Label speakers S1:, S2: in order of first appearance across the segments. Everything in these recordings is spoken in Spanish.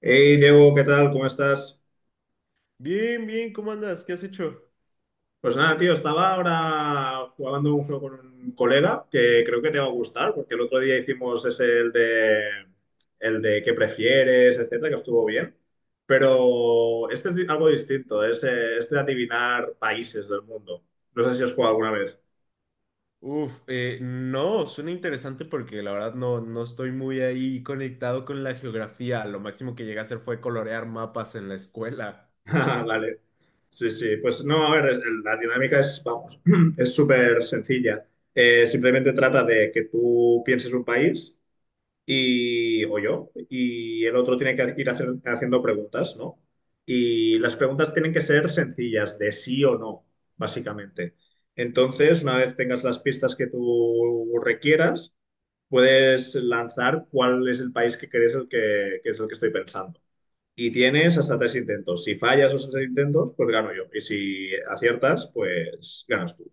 S1: Hey Diego, ¿qué tal? ¿Cómo estás?
S2: Bien, bien, ¿cómo andas? ¿Qué has hecho?
S1: Pues nada, tío, estaba ahora jugando un juego con un colega que creo que te va a gustar, porque el otro día hicimos ese el de qué prefieres, etcétera, que estuvo bien. Pero este es algo distinto, es este de adivinar países del mundo. No sé si has jugado alguna vez.
S2: Uf, no, suena interesante porque la verdad no, no estoy muy ahí conectado con la geografía. Lo máximo que llegué a hacer fue colorear mapas en la escuela.
S1: Ah, vale. Sí, sí. Pues no, a ver, la dinámica es, vamos, es súper sencilla. Simplemente trata de que tú pienses un país y, o yo, y el otro tiene que haciendo preguntas, ¿no? Y las preguntas tienen que ser sencillas, de sí o no, básicamente. Entonces, una vez tengas las pistas que tú requieras, puedes lanzar cuál es el país que crees que es el que estoy pensando. Y tienes hasta tres intentos. Si fallas esos tres intentos, pues gano yo. Y si aciertas, pues ganas tú.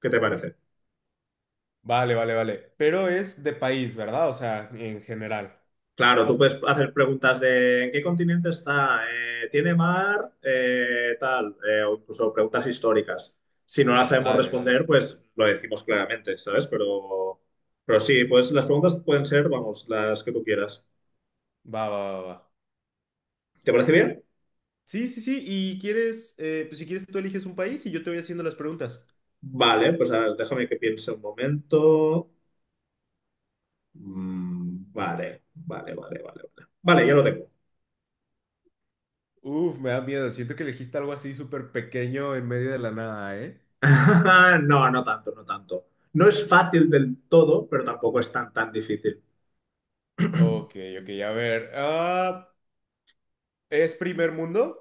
S1: ¿Qué te parece?
S2: Vale, vale, vale. Pero es de país, ¿verdad? O sea, en general.
S1: Claro, tú puedes hacer preguntas de ¿en qué continente está? ¿Tiene mar? O incluso preguntas históricas. Si no las sabemos
S2: Vale, vale.
S1: responder, pues lo decimos claramente, ¿sabes? Pero sí, pues las preguntas pueden ser, vamos, las que tú quieras.
S2: Va, va, va, va.
S1: ¿Te parece bien?
S2: Sí, sí, sí. Y quieres, pues si quieres tú eliges un país y yo te voy haciendo las preguntas.
S1: Vale, pues a ver, déjame que piense un momento. Mm, vale, vale, vale, vale, vale. Vale, ya lo tengo.
S2: Uf, me da miedo. Siento que elegiste algo así súper pequeño en medio de la nada, ¿eh?
S1: No, no tanto, no tanto. No es fácil del todo, pero tampoco es tan, tan difícil.
S2: Ok, ok, a ver. ¿Es primer mundo?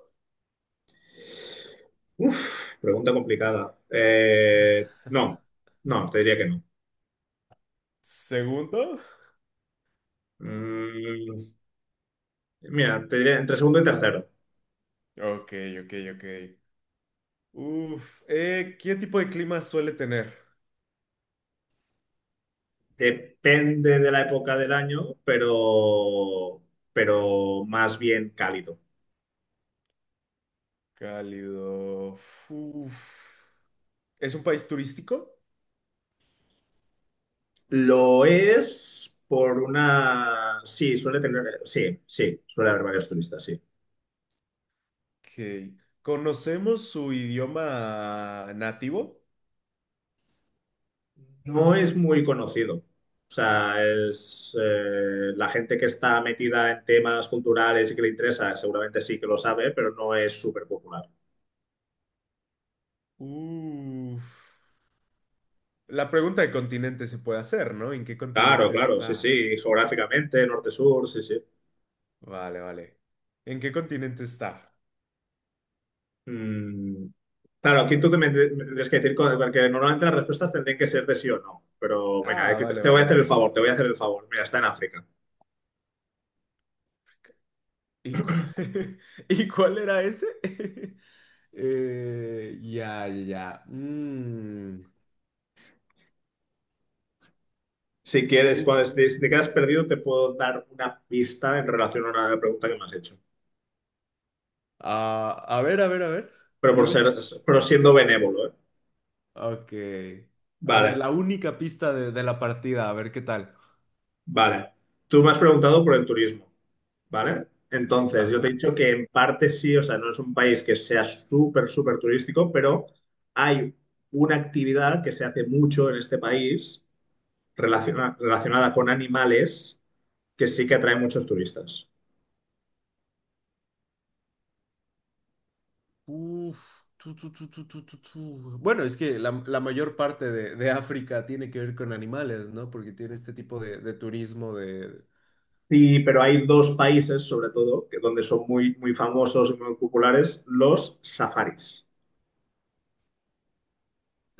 S1: Uf, pregunta complicada. No, no, te diría que no.
S2: ¿Segundo?
S1: Mm, mira, te diría entre segundo y tercero.
S2: Ok, ok, ok. Uf, ¿qué tipo de clima suele tener?
S1: Depende de la época del año, pero más bien cálido.
S2: Cálido. Uf. ¿Es un país turístico?
S1: Lo es por una... Sí, suele tener... Sí, sí, suele haber varios turistas, sí.
S2: Ok. ¿Conocemos su idioma nativo?
S1: No es muy conocido. O sea, es, la gente que está metida en temas culturales y que le interesa, seguramente sí que lo sabe, pero no es súper popular.
S2: Uf. La pregunta de continente se puede hacer, ¿no? ¿En qué
S1: Claro,
S2: continente
S1: claro, sí,
S2: está?
S1: sí, geográficamente, norte-sur, sí, sí.
S2: Vale, vale. ¿En qué continente está?
S1: Mm, claro, aquí tú me tendrías que decir, porque normalmente las respuestas tendrían que ser de sí o no, pero mira,
S2: Ah,
S1: aquí
S2: vale,
S1: te voy a
S2: vale,
S1: hacer el
S2: vale.
S1: favor, te voy a hacer el favor. Mira, está en África.
S2: ¿Y, cu- ¿Y cuál era ese? Ya, ya, ya. Mm.
S1: Si quieres,
S2: Uf, uf,
S1: si
S2: uf.
S1: te quedas perdido, te puedo dar una pista en relación a una pregunta que me has hecho,
S2: Ah, a ver, a ver, a ver.
S1: pero por
S2: Dime.
S1: ser, pero siendo benévolo, ¿eh?
S2: Ok. A ver,
S1: Vale,
S2: la única pista de la partida, a ver qué tal.
S1: vale. Tú me has preguntado por el turismo, ¿vale? Entonces, yo te he
S2: Ajá.
S1: dicho que en parte sí, o sea, no es un país que sea súper, súper turístico, pero hay una actividad que se hace mucho en este país relacionada con animales que sí que atrae muchos turistas.
S2: Uf. Tu, tu, tu, tu, tu, tu, tu. Bueno, es que la mayor parte de África tiene que ver con animales, ¿no? Porque tiene este tipo de turismo de...
S1: Sí, pero hay dos países, sobre todo, que donde son muy, muy famosos y muy populares, los safaris.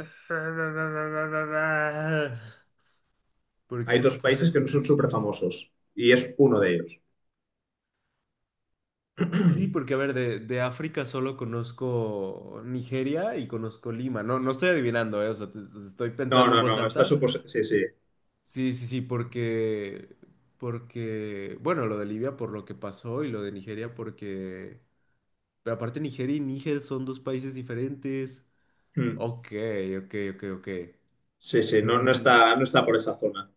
S2: ¿Por
S1: Hay
S2: qué
S1: dos
S2: no puse
S1: países que no son súper
S2: atención?
S1: famosos y es uno de ellos.
S2: Sí, porque a ver, de África solo conozco Nigeria y conozco Lima. No, no estoy adivinando, o sea, te estoy
S1: No,
S2: pensando en
S1: no,
S2: voz
S1: no,
S2: alta.
S1: sí, sí.
S2: Sí, sí, sí, porque, porque, bueno, lo de Libia por lo que pasó y lo de Nigeria porque, pero aparte Nigeria y Níger son dos países diferentes.
S1: Mm.
S2: Ok, ok, ok, ok.
S1: Sí, sí, no, no
S2: Mm,
S1: está, no está por esa zona.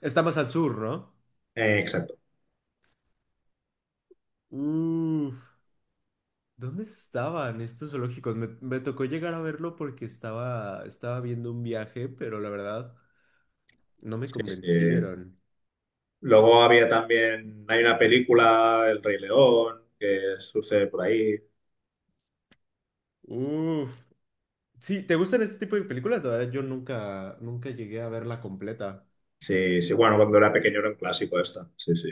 S2: está más al sur, ¿no?
S1: Exacto.
S2: Uf. ¿Dónde estaban estos zoológicos? Me tocó llegar a verlo porque estaba, estaba viendo un viaje, pero la verdad no me
S1: Sí, sí.
S2: convencieron.
S1: Luego había también, hay una película, El Rey León, que sucede por ahí.
S2: Uf. Sí, ¿te gustan este tipo de películas? La verdad, yo nunca, nunca llegué a verla completa.
S1: Sí, sí, bueno, cuando era pequeño era un clásico esta. Sí, sí.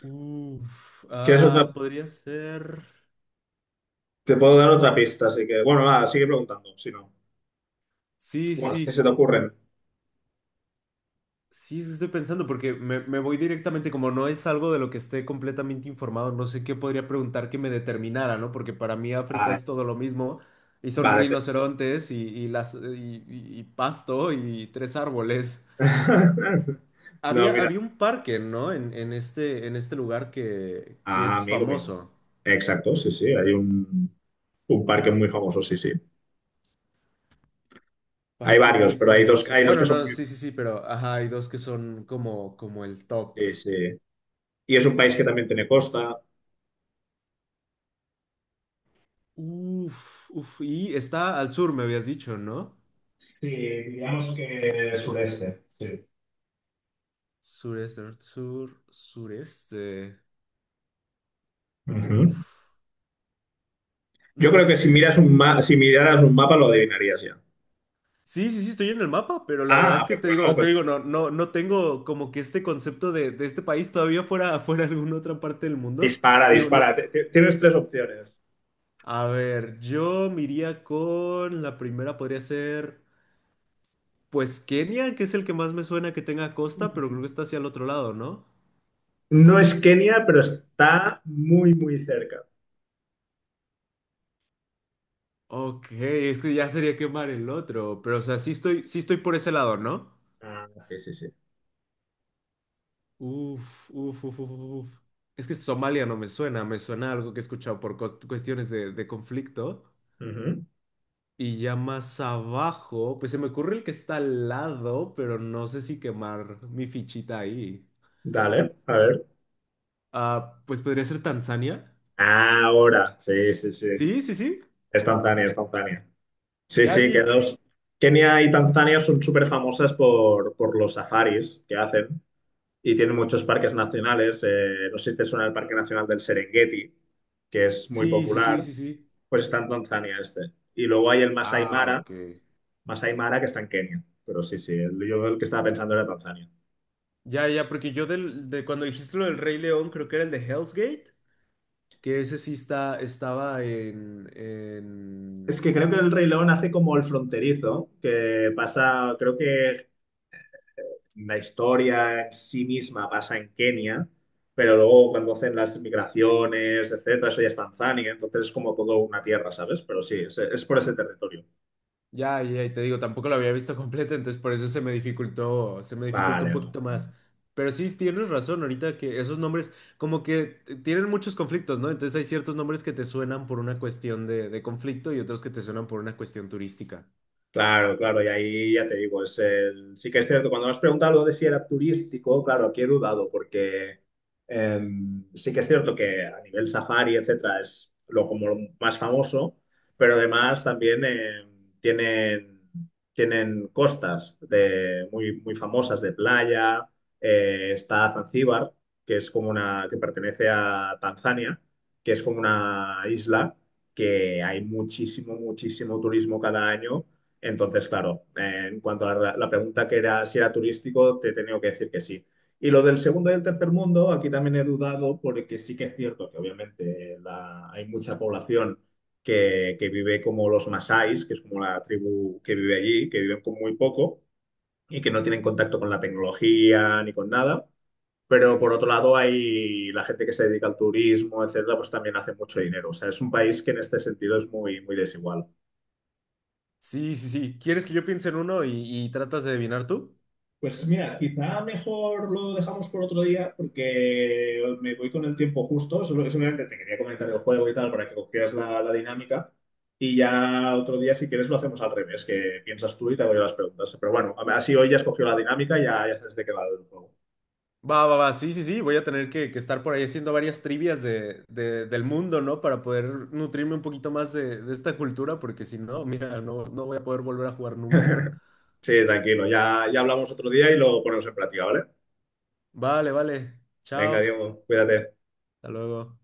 S2: Uf.
S1: ¿Quieres otra?
S2: Ah, podría ser.
S1: Te puedo dar otra pista, así que, bueno, nada, sigue preguntando, si no.
S2: Sí, sí,
S1: Bueno, si se
S2: sí.
S1: te ocurren.
S2: Sí, eso estoy pensando porque me voy directamente, como no es algo de lo que esté completamente informado, no sé qué podría preguntar que me determinara, ¿no? Porque para mí África
S1: Vale,
S2: es todo lo mismo y son
S1: vale.
S2: rinocerontes y pasto y tres árboles.
S1: No,
S2: Había,
S1: mira.
S2: había un parque, ¿no? En este lugar que
S1: Ah,
S2: es
S1: amigo mío.
S2: famoso.
S1: Exacto, sí, sí, un parque muy famoso, sí, sí. Hay
S2: Parque
S1: varios,
S2: muy
S1: pero
S2: famoso.
S1: hay dos
S2: Bueno,
S1: que son
S2: no,
S1: muy...
S2: sí, sí, sí, pero ajá, hay dos que son como, como el top.
S1: sí, sí. Y es un país que también tiene costa.
S2: Uf, uf, y está al sur, me habías dicho, ¿no?
S1: Sí, digamos que sureste, sí.
S2: Sureste, norte, sur, sureste. Uf,
S1: Ujú. Yo
S2: no.
S1: creo que si
S2: s-
S1: miras un si miraras un mapa lo adivinarías ya.
S2: Sí, sí, sí, estoy en el mapa, pero la verdad
S1: Ah,
S2: es que
S1: pues bueno,
S2: te
S1: pues
S2: digo, no, no, no tengo como que este concepto de este país todavía fuera, fuera alguna otra parte del mundo.
S1: dispara,
S2: Te digo, no.
S1: dispara. Tienes tres opciones.
S2: A ver, yo me iría con la primera, podría ser, pues Kenia, que es el que más me suena que tenga costa, pero creo que está hacia el otro lado, ¿no?
S1: No es Kenia, pero está muy, muy cerca.
S2: Ok, es que ya sería quemar el otro, pero o sea, sí estoy por ese lado, ¿no?
S1: Ah, sí, sí, sí.
S2: Uf, uf, uf, uf, uf. Es que Somalia no me suena, me suena algo que he escuchado por cuestiones de conflicto.
S1: Ujú.
S2: Y ya más abajo, pues se me ocurre el que está al lado, pero no sé si quemar mi fichita ahí.
S1: Dale, a ver.
S2: Ah, pues podría ser Tanzania.
S1: Ahora, sí, sí, sí.
S2: Sí, sí, sí.
S1: Es Tanzania, es Tanzania. Sí,
S2: Ya,
S1: sí,
S2: ya.
S1: que dos. Kenia y Tanzania son súper famosas por los safaris que hacen y tienen muchos parques nacionales. Eh, no sé si te suena el Parque Nacional del Serengeti, que es muy
S2: Sí, sí, sí,
S1: popular,
S2: sí, sí.
S1: pues está en Tanzania este. Y luego hay el Masai
S2: Ah,
S1: Mara,
S2: ok.
S1: Masai Mara que está en Kenia. Pero sí, sí, el- yo el que estaba pensando era Tanzania.
S2: Ya, ya, porque yo del, de cuando dijiste lo del Rey León, creo que era el de Hell's Gate, que ese sí está, estaba en,
S1: Es
S2: en.
S1: que creo que el Rey León hace como el fronterizo, que pasa, creo que la historia en sí misma pasa en Kenia, pero luego cuando hacen las migraciones, etcétera, eso ya es Tanzania, entonces es como todo una tierra, ¿sabes? Pero sí, es por ese territorio.
S2: Ya, ya, y te digo, tampoco lo había visto completa entonces por eso se me dificultó un
S1: Vale, vale.
S2: poquito
S1: Vale.
S2: más. Pero sí, tienes razón, ahorita que esos nombres como que tienen muchos conflictos, ¿no? Entonces hay ciertos nombres que te suenan por una cuestión de conflicto y otros que te suenan por una cuestión turística.
S1: Claro, claro, y ahí ya te digo, es el... sí que es cierto, cuando me has preguntado lo de si era turístico, claro, aquí he dudado, porque sí que es cierto que a nivel safari, etcétera, es lo como lo más famoso, pero además también tienen, tienen costas de, muy, muy famosas de playa, está Zanzíbar, que es como una, que pertenece a Tanzania, que es como una isla que hay muchísimo, muchísimo turismo cada año entonces, claro, en cuanto a la pregunta que era si era turístico, te he tenido que decir que sí. Y lo del segundo y el tercer mundo, aquí también he dudado porque sí que es cierto que obviamente hay mucha población que vive como los Masáis, que es como la tribu que vive allí, que viven con muy poco y que no tienen contacto con la tecnología ni con nada. Pero por otro lado hay la gente que se dedica al turismo, etcétera, pues también hace mucho dinero. O sea, es un país que en este sentido es muy, muy desigual.
S2: Sí, sí, sí. ¿Quieres que yo piense en uno y tratas de adivinar tú?
S1: Pues mira, quizá mejor lo dejamos por otro día porque me voy con el tiempo justo. Solamente te quería comentar el juego y tal para que cogieras la dinámica. Y ya otro día, si quieres, lo hacemos al revés, que piensas tú y te hago yo las preguntas. Pero bueno, a así hoy ya has cogido la dinámica, ya, ya sabes de qué va el juego.
S2: Va, va, va, sí, sí, sí, voy a tener que estar por ahí haciendo varias trivias de, del mundo, ¿no? Para poder nutrirme un poquito más de esta cultura, porque si no, mira, no, no voy a poder volver a jugar nunca.
S1: Sí, tranquilo, ya, ya hablamos otro día y lo ponemos en práctica, ¿vale?
S2: Vale, vale.
S1: Venga,
S2: Chao.
S1: Diego, cuídate.
S2: Hasta luego.